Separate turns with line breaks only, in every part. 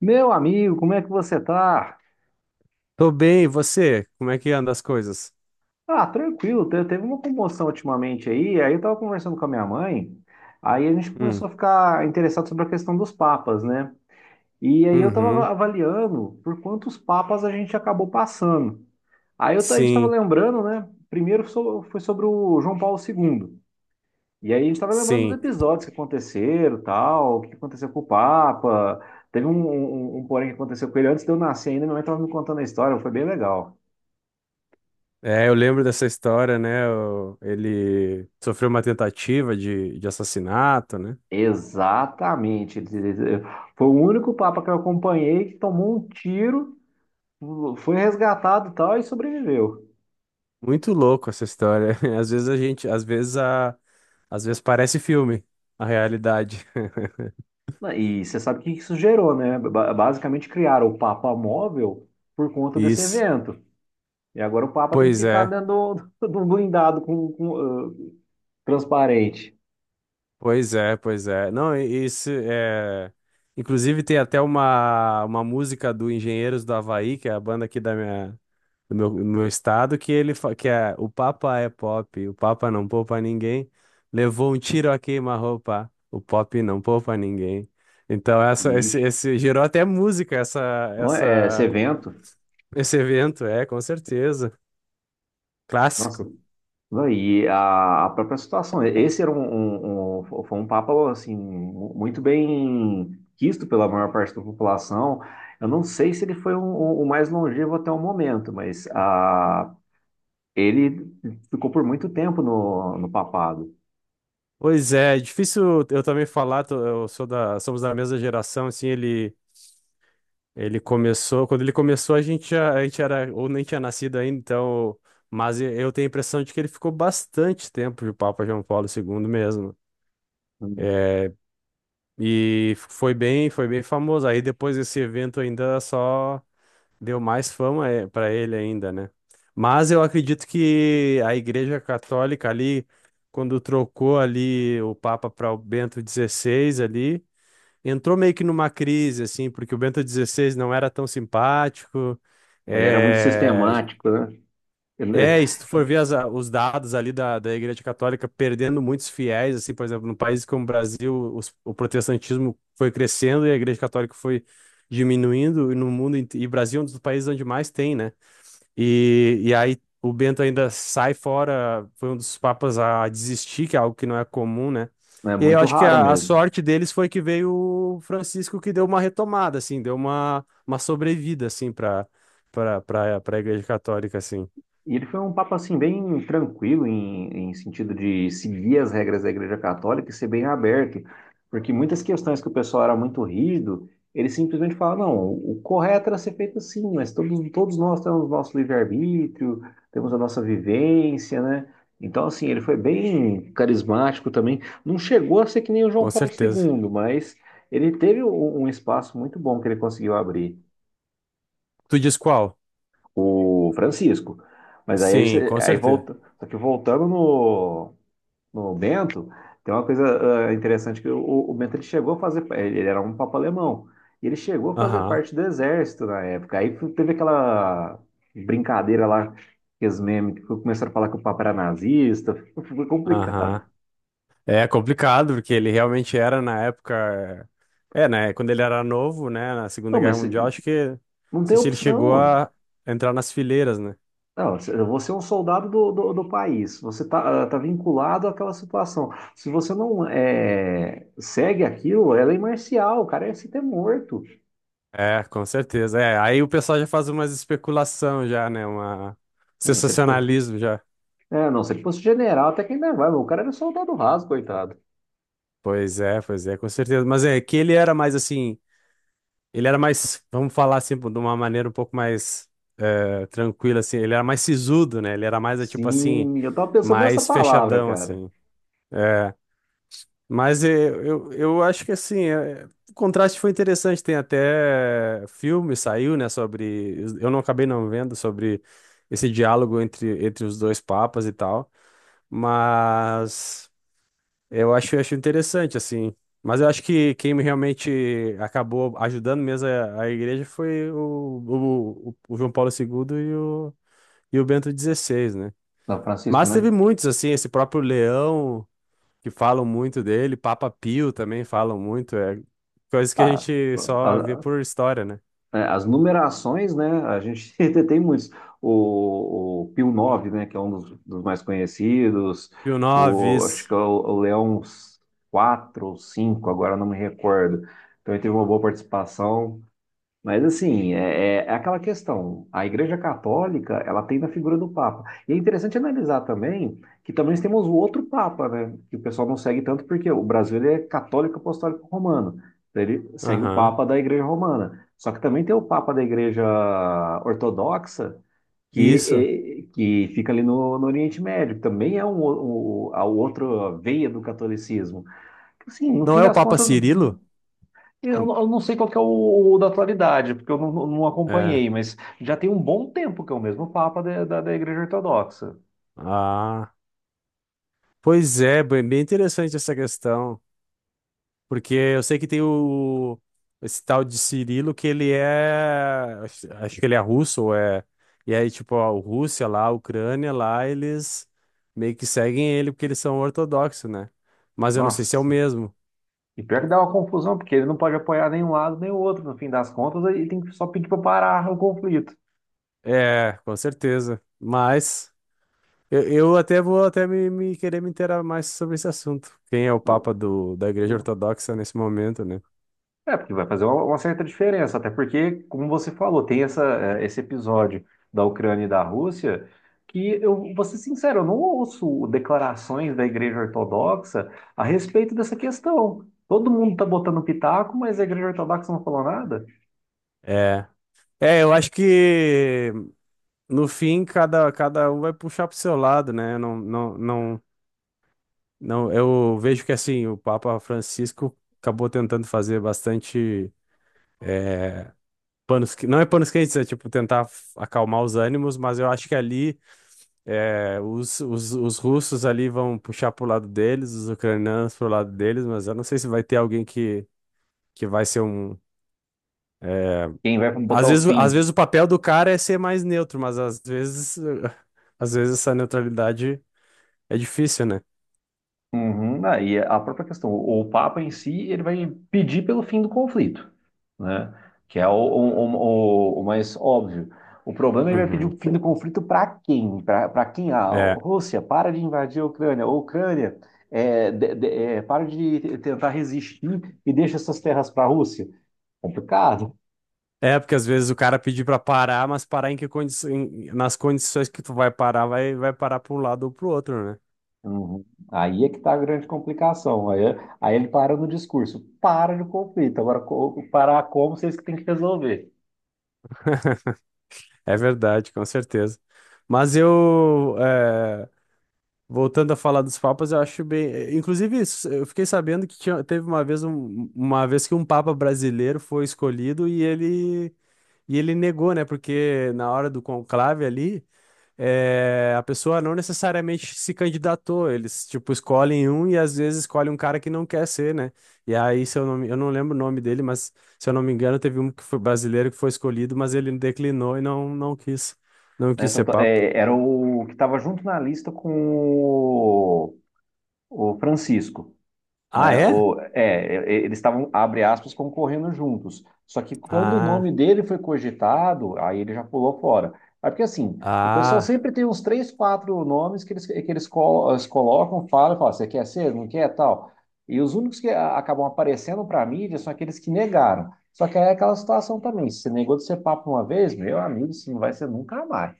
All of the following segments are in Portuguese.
Meu amigo, como é que você tá?
Tô bem, e você? Como é que anda as coisas?
Ah, tranquilo, teve uma comoção ultimamente aí, aí eu tava conversando com a minha mãe, aí a gente começou
Hum,
a ficar interessado sobre a questão dos papas, né? E aí eu tava
uhum,
avaliando por quantos papas a gente acabou passando. A gente estava
sim,
lembrando, né? Primeiro foi sobre o João Paulo II. E aí a gente estava lembrando dos
sim.
episódios que aconteceram, tal, o que aconteceu com o Papa. Teve um porém que aconteceu com ele antes de eu nascer ainda, minha mãe estava me contando a história, foi bem legal.
É, eu lembro dessa história, né? Ele sofreu uma tentativa de assassinato, né?
Exatamente. Foi o único Papa que eu acompanhei que tomou um tiro, foi resgatado e tal, e sobreviveu.
Muito louco essa história. Às vezes a gente, às vezes a, Às vezes parece filme, a realidade.
E você sabe o que isso gerou, né? Basicamente criaram o Papa móvel por conta desse
Isso.
evento. E agora o Papa tem que
Pois
ficar
é.
dentro do blindado com, ah, transparente.
Pois é, pois é. Não, isso é. Inclusive, tem até uma música do Engenheiros do Havaí, que é a banda aqui da do meu estado, que é "O Papa é pop, o Papa não poupa ninguém. Levou um tiro a queima-roupa, o pop não poupa ninguém." Então,
Ixi.
esse gerou até música,
Não é- Esse
essa,
evento,
esse evento, é, com certeza.
nossa.
Clássico.
Não, e a própria situação, esse era um foi um papo assim muito bem quisto pela maior parte da população. Eu não sei se ele foi o mais longevo até o momento, mas ele ficou por muito tempo no papado.
Pois é, é difícil eu também falar, eu sou da, somos da mesma geração, assim, ele. Quando ele começou, a gente era, ou nem tinha nascido ainda, então, mas eu tenho a impressão de que ele ficou bastante tempo de Papa João Paulo II mesmo. É, e foi bem famoso. Aí depois desse evento ainda só deu mais fama é, para ele ainda, né? Mas eu acredito que a Igreja Católica ali, quando trocou ali o Papa para o Bento XVI ali, entrou meio que numa crise, assim, porque o Bento XVI não era tão simpático.
Ele era muito
É,
sistemático, né? Ele
é, e se tu for ver os dados ali da Igreja Católica perdendo muitos fiéis, assim, por exemplo, num país como o Brasil, o protestantismo foi crescendo e a Igreja Católica foi diminuindo, e no mundo, e Brasil é um dos países onde mais tem, né? E aí o Bento ainda sai fora, foi um dos papas a desistir, que é algo que não é comum, né?
é
E aí eu
muito
acho que
raro
a
mesmo.
sorte deles foi que veio o Francisco que deu uma retomada, assim, deu uma sobrevida, assim, para para a Igreja Católica, assim,
E ele foi um papa assim bem tranquilo em, em sentido de seguir as regras da Igreja Católica e ser bem aberto, porque muitas questões que o pessoal era muito rígido, ele simplesmente fala, não, o correto era ser feito assim, mas todos nós temos o nosso livre-arbítrio, temos a nossa vivência, né? Então, assim, ele foi bem carismático também. Não chegou a ser que nem o João
com
Paulo
certeza.
II, mas ele teve um, um espaço muito bom que ele conseguiu abrir
Tu diz qual?
o Francisco. Mas aí,
Sim, com certeza.
volta, só que voltando no Bento, tem uma coisa interessante que o Bento ele chegou a fazer, ele era um papa alemão, e ele chegou a fazer
Aham,
parte do exército na época. Aí teve aquela brincadeira lá, aqueles memes que começaram a falar que o papa era nazista, foi complicado.
aham. É complicado, porque ele realmente era na época. É, né? Quando ele era novo, né? Na Segunda
Não,
Guerra
mas
Mundial, acho que. Não
não tem
sei se ele chegou
opção.
a entrar nas fileiras, né?
Não, eu vou ser um soldado do país. Você tá vinculado àquela situação. Se você não é, segue aquilo, ela é lei marcial. O cara ia se ter morto.
É, com certeza. É, aí o pessoal já faz umas especulação já, né? Uma
Ah, não, se ele for,
sensacionalismo já.
é, não, se ele fosse general, até que ainda vai. Mas o cara era soldado raso, coitado.
Pois é, com certeza. Mas é que ele era mais assim, ele era mais, vamos falar assim, de uma maneira um pouco mais tranquila assim, ele era mais sisudo, né? Ele era mais tipo assim,
Sim, eu tava pensando nessa
mais
palavra,
fechadão
cara.
assim. Mas eu acho que assim, o contraste foi interessante. Tem até filme, saiu, né, sobre. Eu não acabei não vendo sobre esse diálogo entre os dois papas e tal. Mas eu acho interessante, assim. Mas eu acho que quem realmente acabou ajudando mesmo é a igreja foi o João Paulo II e e o Bento XVI, né?
Não, Francisco,
Mas
né?
teve muitos, assim, esse próprio Leão que falam muito dele, Papa Pio também falam muito, é coisa que a
Ah,
gente só vê por história, né?
é, as numerações, né? A gente tem muitos. O Pio nove, né? Que é um dos, dos mais conhecidos.
Pio IX,
O, acho que é o Leão quatro ou cinco, agora não me recordo. Então ele teve uma boa participação. Mas assim, é aquela questão. A Igreja Católica, ela tem na figura do Papa. E é interessante analisar também que também nós temos o outro Papa, né? Que o pessoal não segue tanto porque o Brasil ele é católico apostólico romano. Então ele segue o
aham,
Papa da Igreja Romana. Só que também tem o Papa da Igreja Ortodoxa, que,
isso.
que fica ali no Oriente Médio, que também é a outra veia do catolicismo. Assim, no
Não
fim
é o
das
Papa
contas,
Cirilo? Não-
eu não sei qual que é o da atualidade, porque eu não
É,
acompanhei, mas já tem um bom tempo que é o mesmo Papa da Igreja Ortodoxa.
ah, pois é, bem bem interessante essa questão, porque eu sei que tem o, esse tal de Cirilo que ele é, acho que ele é russo, ou é, e aí tipo, a Rússia lá, a Ucrânia lá, eles meio que seguem ele porque eles são ortodoxos, né? Mas eu não sei se é o
Nossa,
mesmo.
e pior que dá uma confusão, porque ele não pode apoiar nem um lado nem o outro, no fim das contas, aí tem que só pedir para parar o conflito.
É, com certeza. Mas eu até vou até querer me inteirar mais sobre esse assunto. Quem é o Papa do, da Igreja Ortodoxa nesse momento, né?
É, porque vai fazer uma certa diferença, até porque, como você falou, tem essa, esse episódio da Ucrânia e da Rússia, que eu vou ser sincero, eu não ouço declarações da Igreja Ortodoxa a respeito dessa questão. Todo mundo tá botando pitaco, mas a Igreja Ortodoxa não falou nada.
É. É, eu acho que no fim cada um vai puxar pro seu lado, né? Não, não, não, não, eu vejo que assim, o Papa Francisco acabou tentando fazer bastante panos, não é panos quentes, é tipo tentar acalmar os ânimos, mas eu acho que ali É, os russos ali vão puxar pro lado deles, os ucranianos pro lado deles, mas eu não sei se vai ter alguém que vai ser um.
Quem vai botar o
Às
fim?
vezes o papel do cara é ser mais neutro, mas às vezes, às vezes essa neutralidade é difícil, né?
Uhum, aí a própria questão, o Papa em si, ele vai pedir pelo fim do conflito, né? Que é o mais óbvio. O problema é ele vai pedir
Uhum.
o fim do conflito para quem? Para quem? A
É.
Rússia, para de invadir a Ucrânia. A Ucrânia, é, para de tentar resistir e deixa essas terras para a Rússia. Complicado.
É, porque às vezes o cara pedir pra parar, mas parar em que nas condições que tu vai parar, vai parar para um lado ou pro outro, né?
Uhum. Aí é que está a grande complicação. Aí, aí ele para no discurso, para de conflito. Agora, parar como vocês que têm que resolver.
É verdade, com certeza. Mas voltando a falar dos papas, eu acho bem. Inclusive, isso, eu fiquei sabendo que teve uma vez, uma vez que um papa brasileiro foi escolhido e e ele negou, né? Porque na hora do conclave ali, a pessoa não necessariamente se candidatou. Eles, tipo, escolhem um e às vezes escolhem um cara que não quer ser, né? E aí, se eu não, me- eu não lembro o nome dele, mas se eu não me engano, teve um que foi brasileiro que foi escolhido, mas ele declinou e não quis, não
Né?
quis
Então,
ser papa.
é, era o que estava junto na lista com o Francisco.
Ah,
Né?
é?
Ou, é, eles estavam, abre aspas, concorrendo juntos. Só que quando o
Ah.
nome dele foi cogitado, aí ele já pulou fora. É porque assim, o pessoal
Ah,
sempre tem uns três, quatro nomes que eles, eles colocam, falam, falam, você quer ser, não quer, tal. E os únicos que acabam aparecendo para a mídia são aqueles que negaram. Só que aí é aquela situação também, se você negou de ser papo uma vez, meu amigo, isso não vai ser nunca mais,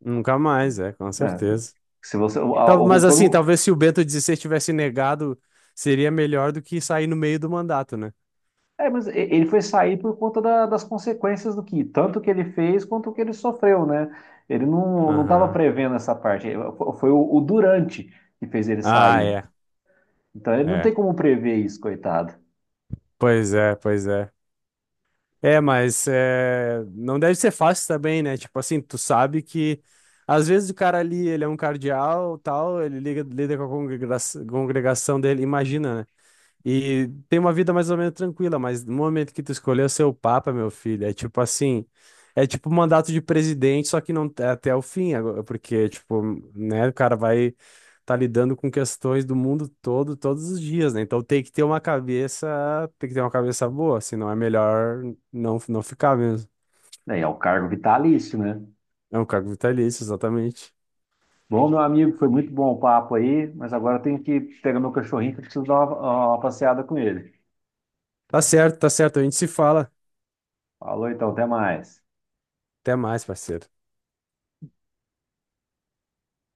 nunca mais, é, com
né?
certeza.
Se você, a- o-
Mas assim,
quando
talvez se o Bento XVI tivesse negado, seria melhor do que sair no meio do mandato, né?
É, mas ele foi sair por conta das consequências do que, tanto que ele fez quanto o que ele sofreu, né? Ele não estava
Aham.
prevendo essa parte. Foi o Durante que fez ele
Ah,
sair.
é.
Então ele não
É.
tem como prever isso, coitado.
Pois é, pois é. É, mas é, não deve ser fácil também, né? Tipo assim, tu sabe que às vezes o cara ali, ele é um cardeal, tal, ele liga, lida com a congregação dele, imagina, né? E tem uma vida mais ou menos tranquila, mas no momento que tu escolheu ser o Papa, meu filho, é tipo assim, é tipo um mandato de presidente, só que não é até o fim, agora, porque, tipo, né, o cara vai tá lidando com questões do mundo todo, todos os dias, né? Então tem que ter uma cabeça, tem que ter uma cabeça boa, senão é melhor não, não ficar mesmo.
É, é o cargo vitalício, né?
É um cargo vitalício, exatamente.
Bom, meu amigo, foi muito bom o papo aí, mas agora eu tenho que pegar meu cachorrinho que eu preciso dar uma passeada com ele.
Tá certo, a gente se fala.
Falou então, até mais.
Até mais, parceiro.